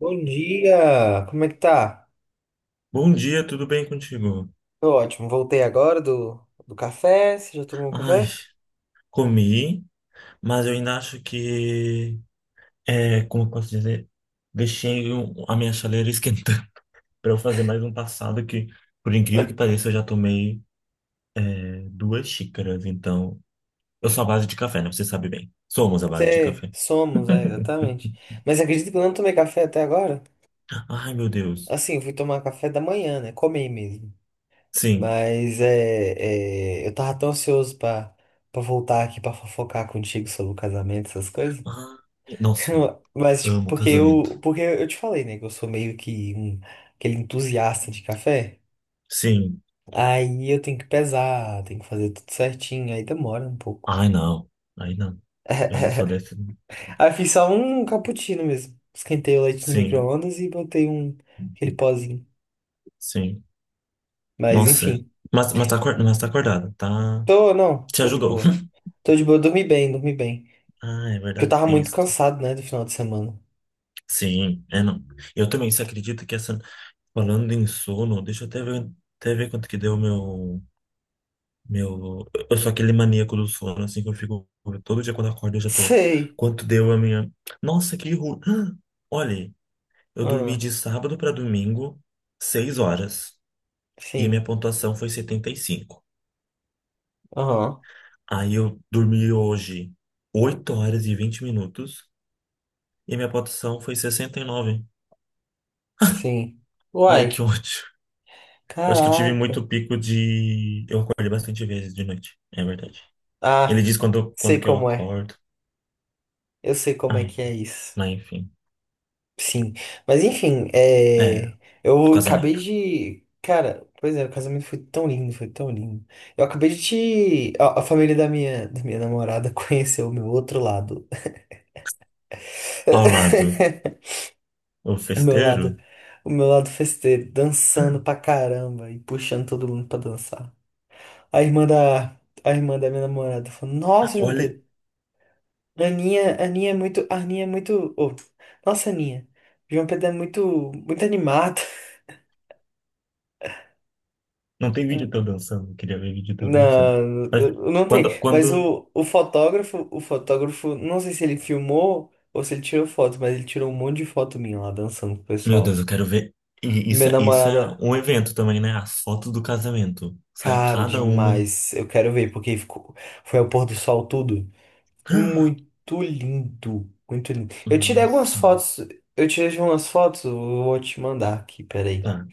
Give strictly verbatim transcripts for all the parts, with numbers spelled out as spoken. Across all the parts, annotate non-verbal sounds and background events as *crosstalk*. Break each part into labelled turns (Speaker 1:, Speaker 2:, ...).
Speaker 1: Bom dia! Como é que tá?
Speaker 2: Bom dia, tudo bem contigo?
Speaker 1: Tô ótimo. Voltei agora do, do café. Você já tomou um
Speaker 2: Ai,
Speaker 1: café?
Speaker 2: comi, mas eu ainda acho que, é, como eu posso dizer, deixei o- a minha chaleira esquentando *laughs* para eu fazer mais um passado que, por incrível que pareça, eu já tomei, é, duas xícaras, então... Eu sou à base de café, né? Você sabe bem. Somos à base de
Speaker 1: Você,
Speaker 2: café.
Speaker 1: somos, é, exatamente. Mas acredito que eu não tomei café até agora.
Speaker 2: Ai, meu Deus.
Speaker 1: Assim, eu fui tomar café da manhã, né? Comi mesmo.
Speaker 2: Sim.
Speaker 1: Mas é, é, eu tava tão ansioso pra, pra voltar aqui pra fofocar contigo sobre o casamento, essas coisas.
Speaker 2: Ai, nossa,
Speaker 1: *laughs* Mas, tipo,
Speaker 2: amo
Speaker 1: porque
Speaker 2: casamento.
Speaker 1: eu, porque eu te falei, né? Que eu sou meio que um, aquele entusiasta de café.
Speaker 2: Sim.
Speaker 1: Aí eu tenho que pesar, tenho que fazer tudo certinho, aí demora um pouco.
Speaker 2: Ai, não. Ai, não. Eu não sou
Speaker 1: *laughs*
Speaker 2: desse.
Speaker 1: Aí eu fiz só um cappuccino mesmo. Esquentei o leite no
Speaker 2: Sim,
Speaker 1: micro-ondas e botei um, aquele pozinho.
Speaker 2: sim.
Speaker 1: Mas
Speaker 2: Nossa,
Speaker 1: enfim,
Speaker 2: mas, mas tá acordado, mas tá acordado, tá?
Speaker 1: tô, não,
Speaker 2: Te
Speaker 1: tô de
Speaker 2: ajudou.
Speaker 1: boa.
Speaker 2: *laughs*
Speaker 1: Tô de boa, dormi bem, dormi bem.
Speaker 2: Ah, é
Speaker 1: Porque eu
Speaker 2: verdade,
Speaker 1: tava
Speaker 2: tem
Speaker 1: muito
Speaker 2: isso.
Speaker 1: cansado, né, do final de semana.
Speaker 2: Sim, é não. Eu também, você acredita que essa. Falando em sono, deixa eu até ver, até ver quanto que deu o meu. Meu. Eu sou aquele maníaco do sono, assim, que eu fico. Todo dia quando eu acordo eu já tô.
Speaker 1: Sei.
Speaker 2: Quanto deu a minha. Nossa, que ruim. *gasps* Olha, eu dormi
Speaker 1: Ah,
Speaker 2: de sábado pra domingo, seis horas. E a minha
Speaker 1: sim.
Speaker 2: pontuação foi setenta e cinco.
Speaker 1: Aham,
Speaker 2: Aí eu dormi hoje, oito horas e vinte minutos. E minha pontuação foi sessenta e nove.
Speaker 1: sim.
Speaker 2: Ai, que *laughs*
Speaker 1: Uai,
Speaker 2: ódio. Eu Acho que eu tive
Speaker 1: caraca.
Speaker 2: muito pico de. Eu acordei bastante vezes de noite. É verdade. Ele
Speaker 1: Ah,
Speaker 2: diz quando,
Speaker 1: sei
Speaker 2: quando que eu
Speaker 1: como é.
Speaker 2: acordo.
Speaker 1: Eu sei como é
Speaker 2: Ai,
Speaker 1: que é isso.
Speaker 2: mas enfim.
Speaker 1: Sim, mas enfim,
Speaker 2: É,
Speaker 1: é... eu acabei
Speaker 2: Casamento.
Speaker 1: de. Cara, pois é, o casamento foi tão lindo, foi tão lindo. Eu acabei de te. A, a família da minha, da minha namorada *laughs* conheceu o meu outro lado.
Speaker 2: Ao lado,
Speaker 1: *laughs*
Speaker 2: o
Speaker 1: O meu lado.
Speaker 2: festeiro.
Speaker 1: O meu lado festeiro, dançando pra caramba e puxando todo mundo pra dançar. A irmã da. A irmã da minha namorada falou: Nossa, João
Speaker 2: Olha,
Speaker 1: Pedro, a Aninha, a Aninha é muito. A Aninha é muito. Ô, nossa, Aninha. João Pedro é muito, muito animado.
Speaker 2: não tem vídeo
Speaker 1: *laughs*
Speaker 2: teu dançando. Eu Queria ver vídeo teu dançando.
Speaker 1: Não,
Speaker 2: Mas
Speaker 1: não não tem.
Speaker 2: Quando,
Speaker 1: Mas
Speaker 2: quando.
Speaker 1: o, o fotógrafo, o fotógrafo, não sei se ele filmou ou se ele tirou foto, mas ele tirou um monte de foto minha lá dançando com o
Speaker 2: Meu Deus,
Speaker 1: pessoal.
Speaker 2: eu quero ver. E isso,
Speaker 1: Minha
Speaker 2: é- isso é
Speaker 1: namorada,
Speaker 2: um evento também, né? As fotos do casamento. Sai
Speaker 1: cara,
Speaker 2: cada uma.
Speaker 1: demais. Eu quero ver, porque ficou, foi ao pôr do sol tudo.
Speaker 2: *gasps*
Speaker 1: Muito lindo, muito lindo. Eu tirei algumas
Speaker 2: Nossa.
Speaker 1: fotos, eu tirei umas fotos, eu vou te mandar aqui, peraí.
Speaker 2: Tá.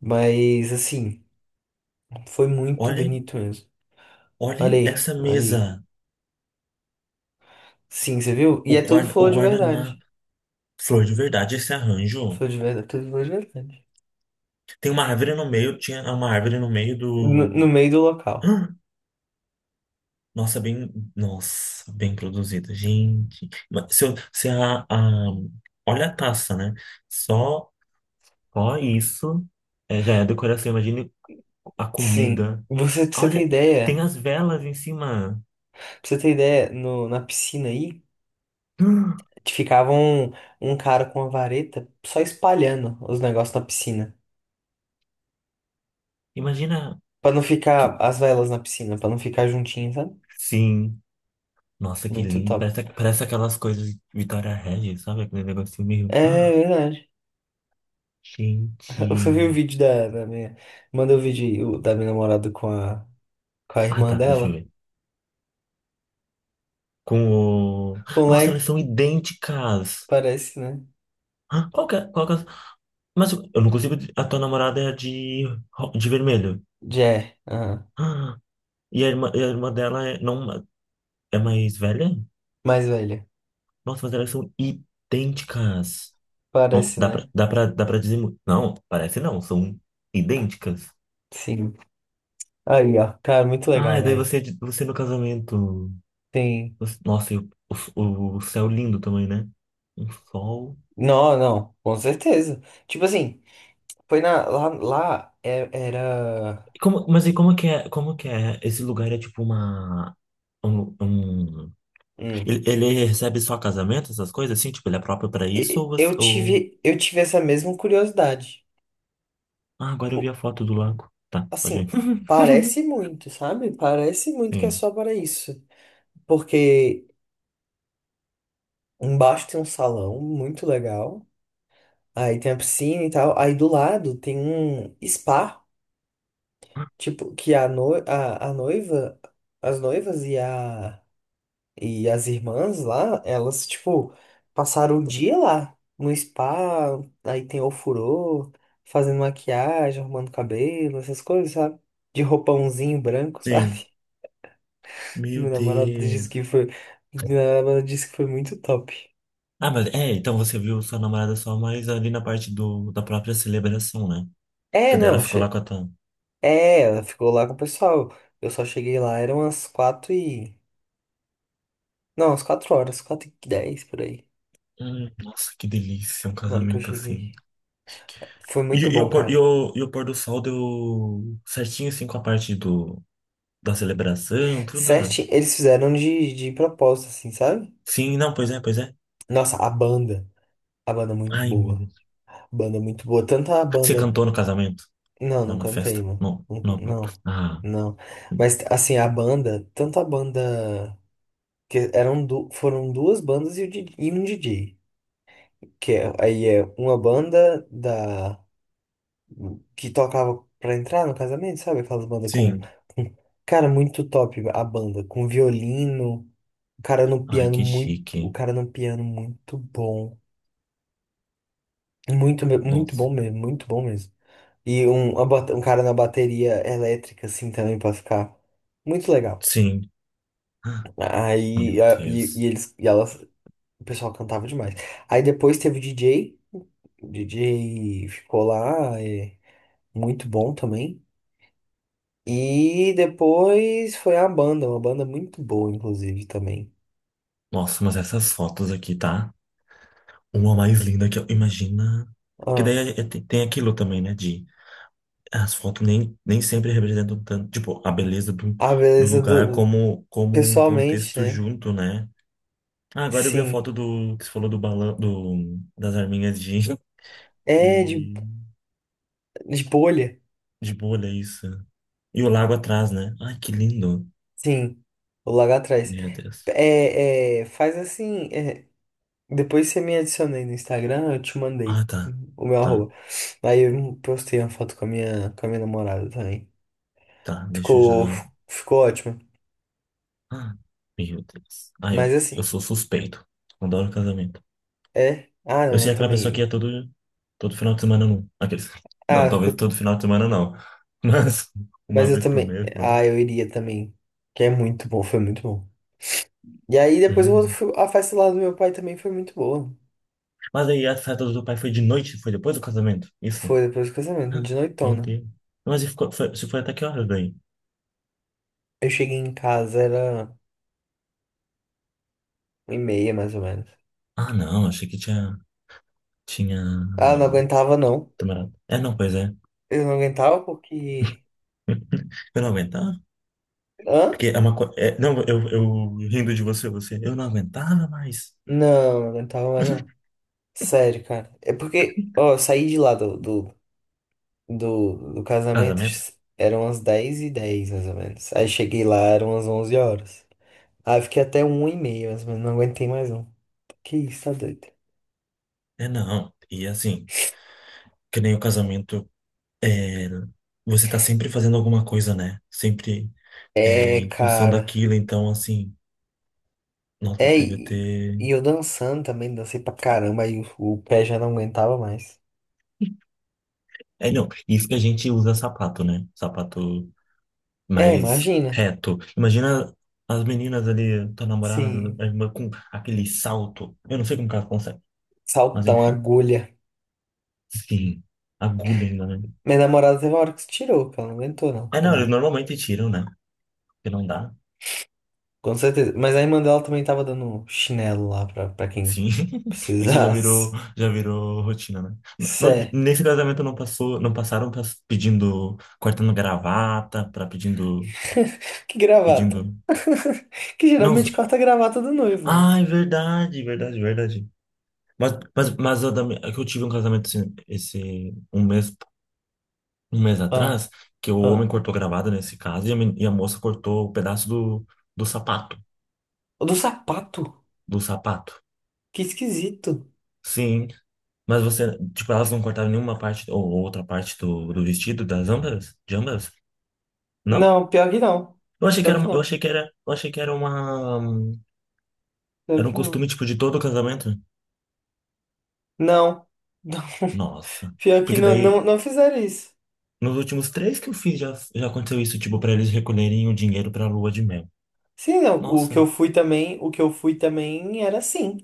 Speaker 1: Mas assim, foi muito
Speaker 2: Olha,
Speaker 1: bonito mesmo. Olha
Speaker 2: olha
Speaker 1: aí,
Speaker 2: essa
Speaker 1: olha aí.
Speaker 2: mesa.
Speaker 1: Sim, você viu? E
Speaker 2: O
Speaker 1: é tudo
Speaker 2: guarda, o
Speaker 1: flor de verdade.
Speaker 2: guardanapo. Flor de verdade, esse arranjo.
Speaker 1: Sou de verdade, tudo foi de verdade.
Speaker 2: Tem uma árvore no meio, tinha uma árvore no meio
Speaker 1: No,
Speaker 2: do.
Speaker 1: no meio do local.
Speaker 2: Ah, Nossa, bem. Nossa, bem produzida, gente. Mas se, eu- se a, a- Olha a taça, né? Só, só isso é, já é decoração. Imagine a
Speaker 1: Sim.
Speaker 2: comida.
Speaker 1: Você, pra você ter
Speaker 2: Olha, tem
Speaker 1: ideia,
Speaker 2: as velas em cima.
Speaker 1: pra você ter ideia, no, na piscina aí,
Speaker 2: Ah,
Speaker 1: ficava um, um cara com uma vareta só espalhando os negócios na piscina.
Speaker 2: Imagina
Speaker 1: Pra não
Speaker 2: que.
Speaker 1: ficar as velas na piscina, pra não ficar juntinho, sabe?
Speaker 2: Sim. Nossa, que
Speaker 1: Muito
Speaker 2: lindo.
Speaker 1: top.
Speaker 2: Parece, parece aquelas coisas de Vitória Regis, sabe? Aquele negocinho meio.
Speaker 1: É verdade. *laughs* Você
Speaker 2: Gente.
Speaker 1: viu o vídeo da, da minha. Manda o vídeo aí, o- da minha namorada com a, com a
Speaker 2: Ah,
Speaker 1: irmã
Speaker 2: tá, deixa eu
Speaker 1: dela.
Speaker 2: ver. Com o.
Speaker 1: Com o
Speaker 2: Nossa,
Speaker 1: leque,
Speaker 2: elas são idênticas!
Speaker 1: parece, né?
Speaker 2: Hã? Qual que é? Qual que é? Mas eu não consigo. A tua namorada é de, ro- de vermelho.
Speaker 1: Jé, aham.
Speaker 2: Ah, E a irmã, e a irmã dela é, não, é mais velha?
Speaker 1: Mais velha.
Speaker 2: Nossa, mas elas são idênticas. Não,
Speaker 1: Parece,
Speaker 2: dá pra,
Speaker 1: né?
Speaker 2: dá pra, dá pra dizer. mu- Não, parece não, são idênticas.
Speaker 1: Sim. Aí, ó, cara, muito
Speaker 2: Ah,
Speaker 1: legal,
Speaker 2: e daí
Speaker 1: velho.
Speaker 2: você, você, é no casamento.
Speaker 1: Tem.
Speaker 2: Você- Nossa, e o, o, o céu lindo também, né? Um sol.
Speaker 1: Não, não, com certeza. Tipo assim, foi na. Lá, lá é- era.
Speaker 2: E Como, mas e como que é, como que é? Esse lugar é tipo uma um, um-
Speaker 1: hum,
Speaker 2: ele, ele recebe só casamento, essas coisas assim, tipo, ele é próprio pra isso
Speaker 1: e-
Speaker 2: ou, você-
Speaker 1: Eu
Speaker 2: ou.
Speaker 1: tive, eu tive essa mesma curiosidade.
Speaker 2: Ah, agora eu
Speaker 1: Pô,
Speaker 2: vi a foto do lago. Tá, pode ir.
Speaker 1: assim,
Speaker 2: *laughs*
Speaker 1: parece muito, sabe? Parece muito que é
Speaker 2: Sim.
Speaker 1: só para isso. Porque embaixo tem um salão muito legal. Aí tem a piscina e tal. Aí do lado tem um spa. Tipo, que a, no, a, a noiva, as noivas e a E as irmãs lá, elas, tipo, passaram o dia lá, no spa, aí tem ofurô, fazendo maquiagem, arrumando cabelo, essas coisas, sabe? De roupãozinho branco,
Speaker 2: Sim.
Speaker 1: sabe? *laughs*
Speaker 2: Meu
Speaker 1: Meu namorado disse
Speaker 2: Deus.
Speaker 1: que foi. Meu namorado disse que foi muito top.
Speaker 2: Ah, mas é, então você viu sua namorada só mais ali na parte do da própria celebração, né?
Speaker 1: É,
Speaker 2: Que daí ela
Speaker 1: não,
Speaker 2: ficou lá com
Speaker 1: achei.
Speaker 2: a Tam.
Speaker 1: É, ela ficou lá com o pessoal. Eu só cheguei lá, eram umas quatro e. Não, umas quatro horas, quatro e dez por aí,
Speaker 2: Hum, nossa, que delícia um
Speaker 1: na hora que eu
Speaker 2: casamento assim.
Speaker 1: cheguei. Foi
Speaker 2: E,
Speaker 1: muito
Speaker 2: e
Speaker 1: bom,
Speaker 2: o pôr, e,
Speaker 1: cara.
Speaker 2: o, e o pôr do sol deu certinho assim com a parte do da celebração,
Speaker 1: Certo,
Speaker 2: tudo.
Speaker 1: eles fizeram de, de propósito, assim, sabe?
Speaker 2: Sim, não, pois é, pois é.
Speaker 1: Nossa, a banda. A banda é muito
Speaker 2: Ai, meu
Speaker 1: boa.
Speaker 2: Deus.
Speaker 1: Banda é muito boa. Tanto a
Speaker 2: Você
Speaker 1: banda.
Speaker 2: cantou no casamento?
Speaker 1: Não,
Speaker 2: Não,
Speaker 1: não
Speaker 2: na
Speaker 1: cantei,
Speaker 2: festa.
Speaker 1: mano.
Speaker 2: Não,
Speaker 1: Não,
Speaker 2: não.
Speaker 1: não.
Speaker 2: Ah,
Speaker 1: não. Mas, assim, a banda. Tanto a banda. Que eram du... Foram duas bandas e, o D J e um D J. Que é- aí é uma banda da. Que tocava pra entrar no casamento, sabe? Aquelas bandas com.
Speaker 2: sim.
Speaker 1: com- Cara, muito top a banda. Com violino. O cara no
Speaker 2: Ai,
Speaker 1: piano
Speaker 2: que
Speaker 1: muito. O
Speaker 2: chique.
Speaker 1: cara no piano muito bom. Muito, me- muito
Speaker 2: Nossa.
Speaker 1: bom mesmo, muito bom mesmo. E um, uma bate- um cara na bateria elétrica, assim, também, pra ficar muito legal.
Speaker 2: Sim. Meu
Speaker 1: Aí, a- e, e
Speaker 2: Deus.
Speaker 1: eles, e elas, o pessoal cantava demais. Aí depois teve o D J, o D J, ficou lá, é, muito bom também. E depois foi a banda, uma banda muito boa, inclusive, também.
Speaker 2: Nossa, mas essas fotos aqui, tá? Uma mais linda que eu. Imagina. Que daí
Speaker 1: Ah,
Speaker 2: é- é- tem tem aquilo também, né? De as fotos nem, nem sempre representam tanto, tipo, a beleza do,
Speaker 1: a
Speaker 2: do
Speaker 1: beleza
Speaker 2: lugar
Speaker 1: do,
Speaker 2: como, como, um
Speaker 1: pessoalmente,
Speaker 2: contexto
Speaker 1: né?
Speaker 2: junto, né? Ah, agora eu vi a foto
Speaker 1: Sim.
Speaker 2: do que você falou do balão, do, das arminhas de,
Speaker 1: É, de,
Speaker 2: de,
Speaker 1: de bolha.
Speaker 2: de bolha, é isso. E o lago atrás, né? Ai, que lindo.
Speaker 1: Sim. O lá atrás.
Speaker 2: Meu Deus.
Speaker 1: É, é, faz assim. é, Depois você me adicionei no Instagram, eu te
Speaker 2: Ah,
Speaker 1: mandei
Speaker 2: tá.
Speaker 1: o meu
Speaker 2: Tá,
Speaker 1: arroba. Aí eu postei uma foto com a minha, com a minha namorada também.
Speaker 2: tá. Deixa eu
Speaker 1: Ficou,
Speaker 2: já.
Speaker 1: ficou ótimo.
Speaker 2: Ah, meu Deus. Ah, eu,
Speaker 1: Mas
Speaker 2: eu
Speaker 1: assim,
Speaker 2: sou suspeito. Adoro casamento.
Speaker 1: é. Ah,
Speaker 2: Eu
Speaker 1: não,
Speaker 2: sei
Speaker 1: eu
Speaker 2: aquela pessoa que
Speaker 1: também.
Speaker 2: ia todo, todo final de semana, não. Aqueles... Não,
Speaker 1: Ah,
Speaker 2: talvez
Speaker 1: co-
Speaker 2: todo final de semana não. Mas *laughs*
Speaker 1: mas
Speaker 2: uma
Speaker 1: eu
Speaker 2: vez por
Speaker 1: também.
Speaker 2: mês, pelo menos.
Speaker 1: Ah, eu iria também. Que é muito bom, foi muito bom. E aí depois eu
Speaker 2: Hum.
Speaker 1: fui- a festa lá do meu pai também foi muito boa.
Speaker 2: Mas aí a festa do teu pai foi de noite? Foi depois do casamento? Isso?
Speaker 1: Foi depois do casamento, de
Speaker 2: Meu
Speaker 1: noitona.
Speaker 2: Deus. Mas e ficou, foi, você foi até que horas daí?
Speaker 1: Eu cheguei em casa, era uma e meia mais ou menos.
Speaker 2: Ah, não, achei que tinha, tinha,
Speaker 1: Ah, não
Speaker 2: um,
Speaker 1: aguentava não.
Speaker 2: demorado. É, não, pois é.
Speaker 1: Eu não aguentava porque.
Speaker 2: Eu não aguentava,
Speaker 1: Hã?
Speaker 2: porque é uma coisa, não, eu, eu rindo de você, você, eu não aguentava mais.
Speaker 1: Não, eu não aguentava mais não. Sério, cara. É porque, ó, eu saí de lá do, do, do, do casamento,
Speaker 2: Casamento?
Speaker 1: eram umas dez e dez mais ou menos. Aí cheguei lá, eram umas onze horas. Aí eu fiquei até um e meia, mas não aguentei mais não. Que isso, tá doido?
Speaker 2: É, não. E assim, que nem o casamento, é, você tá sempre fazendo alguma coisa, né? Sempre é,
Speaker 1: É,
Speaker 2: em função
Speaker 1: cara.
Speaker 2: daquilo, então assim, nossa,
Speaker 1: É,
Speaker 2: deve
Speaker 1: e
Speaker 2: ter...
Speaker 1: e eu dançando também, dancei pra caramba, aí o, o pé já não aguentava mais.
Speaker 2: É, não, isso que a gente usa sapato, né? Sapato
Speaker 1: É,
Speaker 2: mais
Speaker 1: imagina.
Speaker 2: reto. Imagina as meninas ali, tua namorada,
Speaker 1: Sim,
Speaker 2: a irmã, com aquele salto. Eu não sei como que elas conseguem, mas
Speaker 1: saltão,
Speaker 2: enfim.
Speaker 1: agulha.
Speaker 2: Sim, agulha ainda, né?
Speaker 1: Minha namorada teve uma hora que se tirou, que ela não aguentou não,
Speaker 2: É, não, eles
Speaker 1: também.
Speaker 2: normalmente tiram, né? Porque não dá.
Speaker 1: Com certeza. Mas a irmã dela também tava dando chinelo lá pra, pra quem
Speaker 2: Sim, *laughs* isso já virou,
Speaker 1: precisasse.
Speaker 2: já virou rotina, né? No-
Speaker 1: Sé.
Speaker 2: nesse casamento não passou, não passaram pas- pedindo, cortando gravata, para pedindo,
Speaker 1: *laughs* Que gravata.
Speaker 2: pedindo.
Speaker 1: *laughs* Que
Speaker 2: Não,
Speaker 1: geralmente
Speaker 2: zo-
Speaker 1: corta a gravata do noivo, né?
Speaker 2: ah, é verdade, verdade, verdade. Mas, mas, mas eu, também- é que eu tive um casamento esse, esse um mês um mês
Speaker 1: Ah,
Speaker 2: atrás que o homem
Speaker 1: ah.
Speaker 2: cortou gravata nesse caso e a, men- e a moça cortou o pedaço do, do sapato.
Speaker 1: O do sapato?
Speaker 2: Do sapato.
Speaker 1: Que esquisito.
Speaker 2: Sim. Mas você, tipo, elas não cortaram nenhuma parte ou outra parte do, do vestido das ambas? De ambas? Não?
Speaker 1: Não, pior que não.
Speaker 2: Eu achei que
Speaker 1: Pior
Speaker 2: era,
Speaker 1: que
Speaker 2: uma- eu
Speaker 1: não.
Speaker 2: achei que era, eu achei que era uma,
Speaker 1: Pior
Speaker 2: era um
Speaker 1: que
Speaker 2: costume,
Speaker 1: não.
Speaker 2: tipo, de todo casamento.
Speaker 1: Não. *laughs*
Speaker 2: Nossa.
Speaker 1: Pior que
Speaker 2: Porque
Speaker 1: não, não,
Speaker 2: daí,
Speaker 1: não fizeram isso.
Speaker 2: nos últimos três que eu fiz, já, já aconteceu isso, tipo, pra eles recolherem o dinheiro pra lua de mel.
Speaker 1: Sim, não. O que
Speaker 2: Nossa.
Speaker 1: eu fui também, o que eu fui também era assim.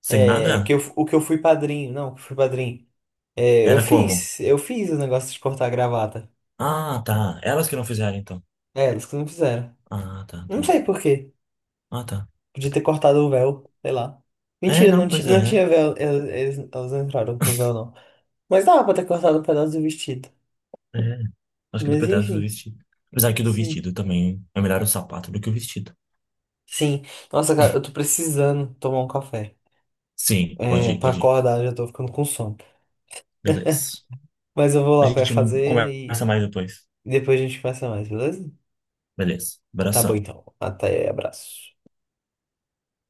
Speaker 2: Sem
Speaker 1: É, que
Speaker 2: nada?
Speaker 1: eu, o que eu fui padrinho. Não, que eu fui padrinho. É, eu
Speaker 2: Era como?
Speaker 1: fiz, eu fiz o negócio de cortar a gravata.
Speaker 2: Ah, tá. Elas que não fizeram, então.
Speaker 1: É, eles que não fizeram.
Speaker 2: Ah, tá,
Speaker 1: Não
Speaker 2: tá.
Speaker 1: sei por quê.
Speaker 2: Ah, tá.
Speaker 1: Podia ter cortado o véu, sei lá.
Speaker 2: É,
Speaker 1: Mentira, não,
Speaker 2: não,
Speaker 1: ti,
Speaker 2: pois
Speaker 1: não
Speaker 2: é.
Speaker 1: tinha véu. Elas, eles- elas não entraram com véu, não. Mas dava pra ter cortado um pedaço do vestido.
Speaker 2: É. Acho que do
Speaker 1: Mas
Speaker 2: pedaço do
Speaker 1: enfim,
Speaker 2: vestido. Apesar que do
Speaker 1: sim.
Speaker 2: vestido também é melhor o sapato do que o vestido.
Speaker 1: Sim. Nossa, cara, eu tô precisando tomar um café.
Speaker 2: Sim, pode
Speaker 1: É,
Speaker 2: ir,
Speaker 1: pra
Speaker 2: pode ir.
Speaker 1: acordar, eu já tô ficando com sono.
Speaker 2: Beleza.
Speaker 1: Mas eu vou
Speaker 2: A
Speaker 1: lá pra
Speaker 2: gente
Speaker 1: fazer e
Speaker 2: conversa mais depois.
Speaker 1: depois a gente conversa mais, beleza?
Speaker 2: Beleza.
Speaker 1: Tá bom
Speaker 2: Abração.
Speaker 1: então. Até, abraço.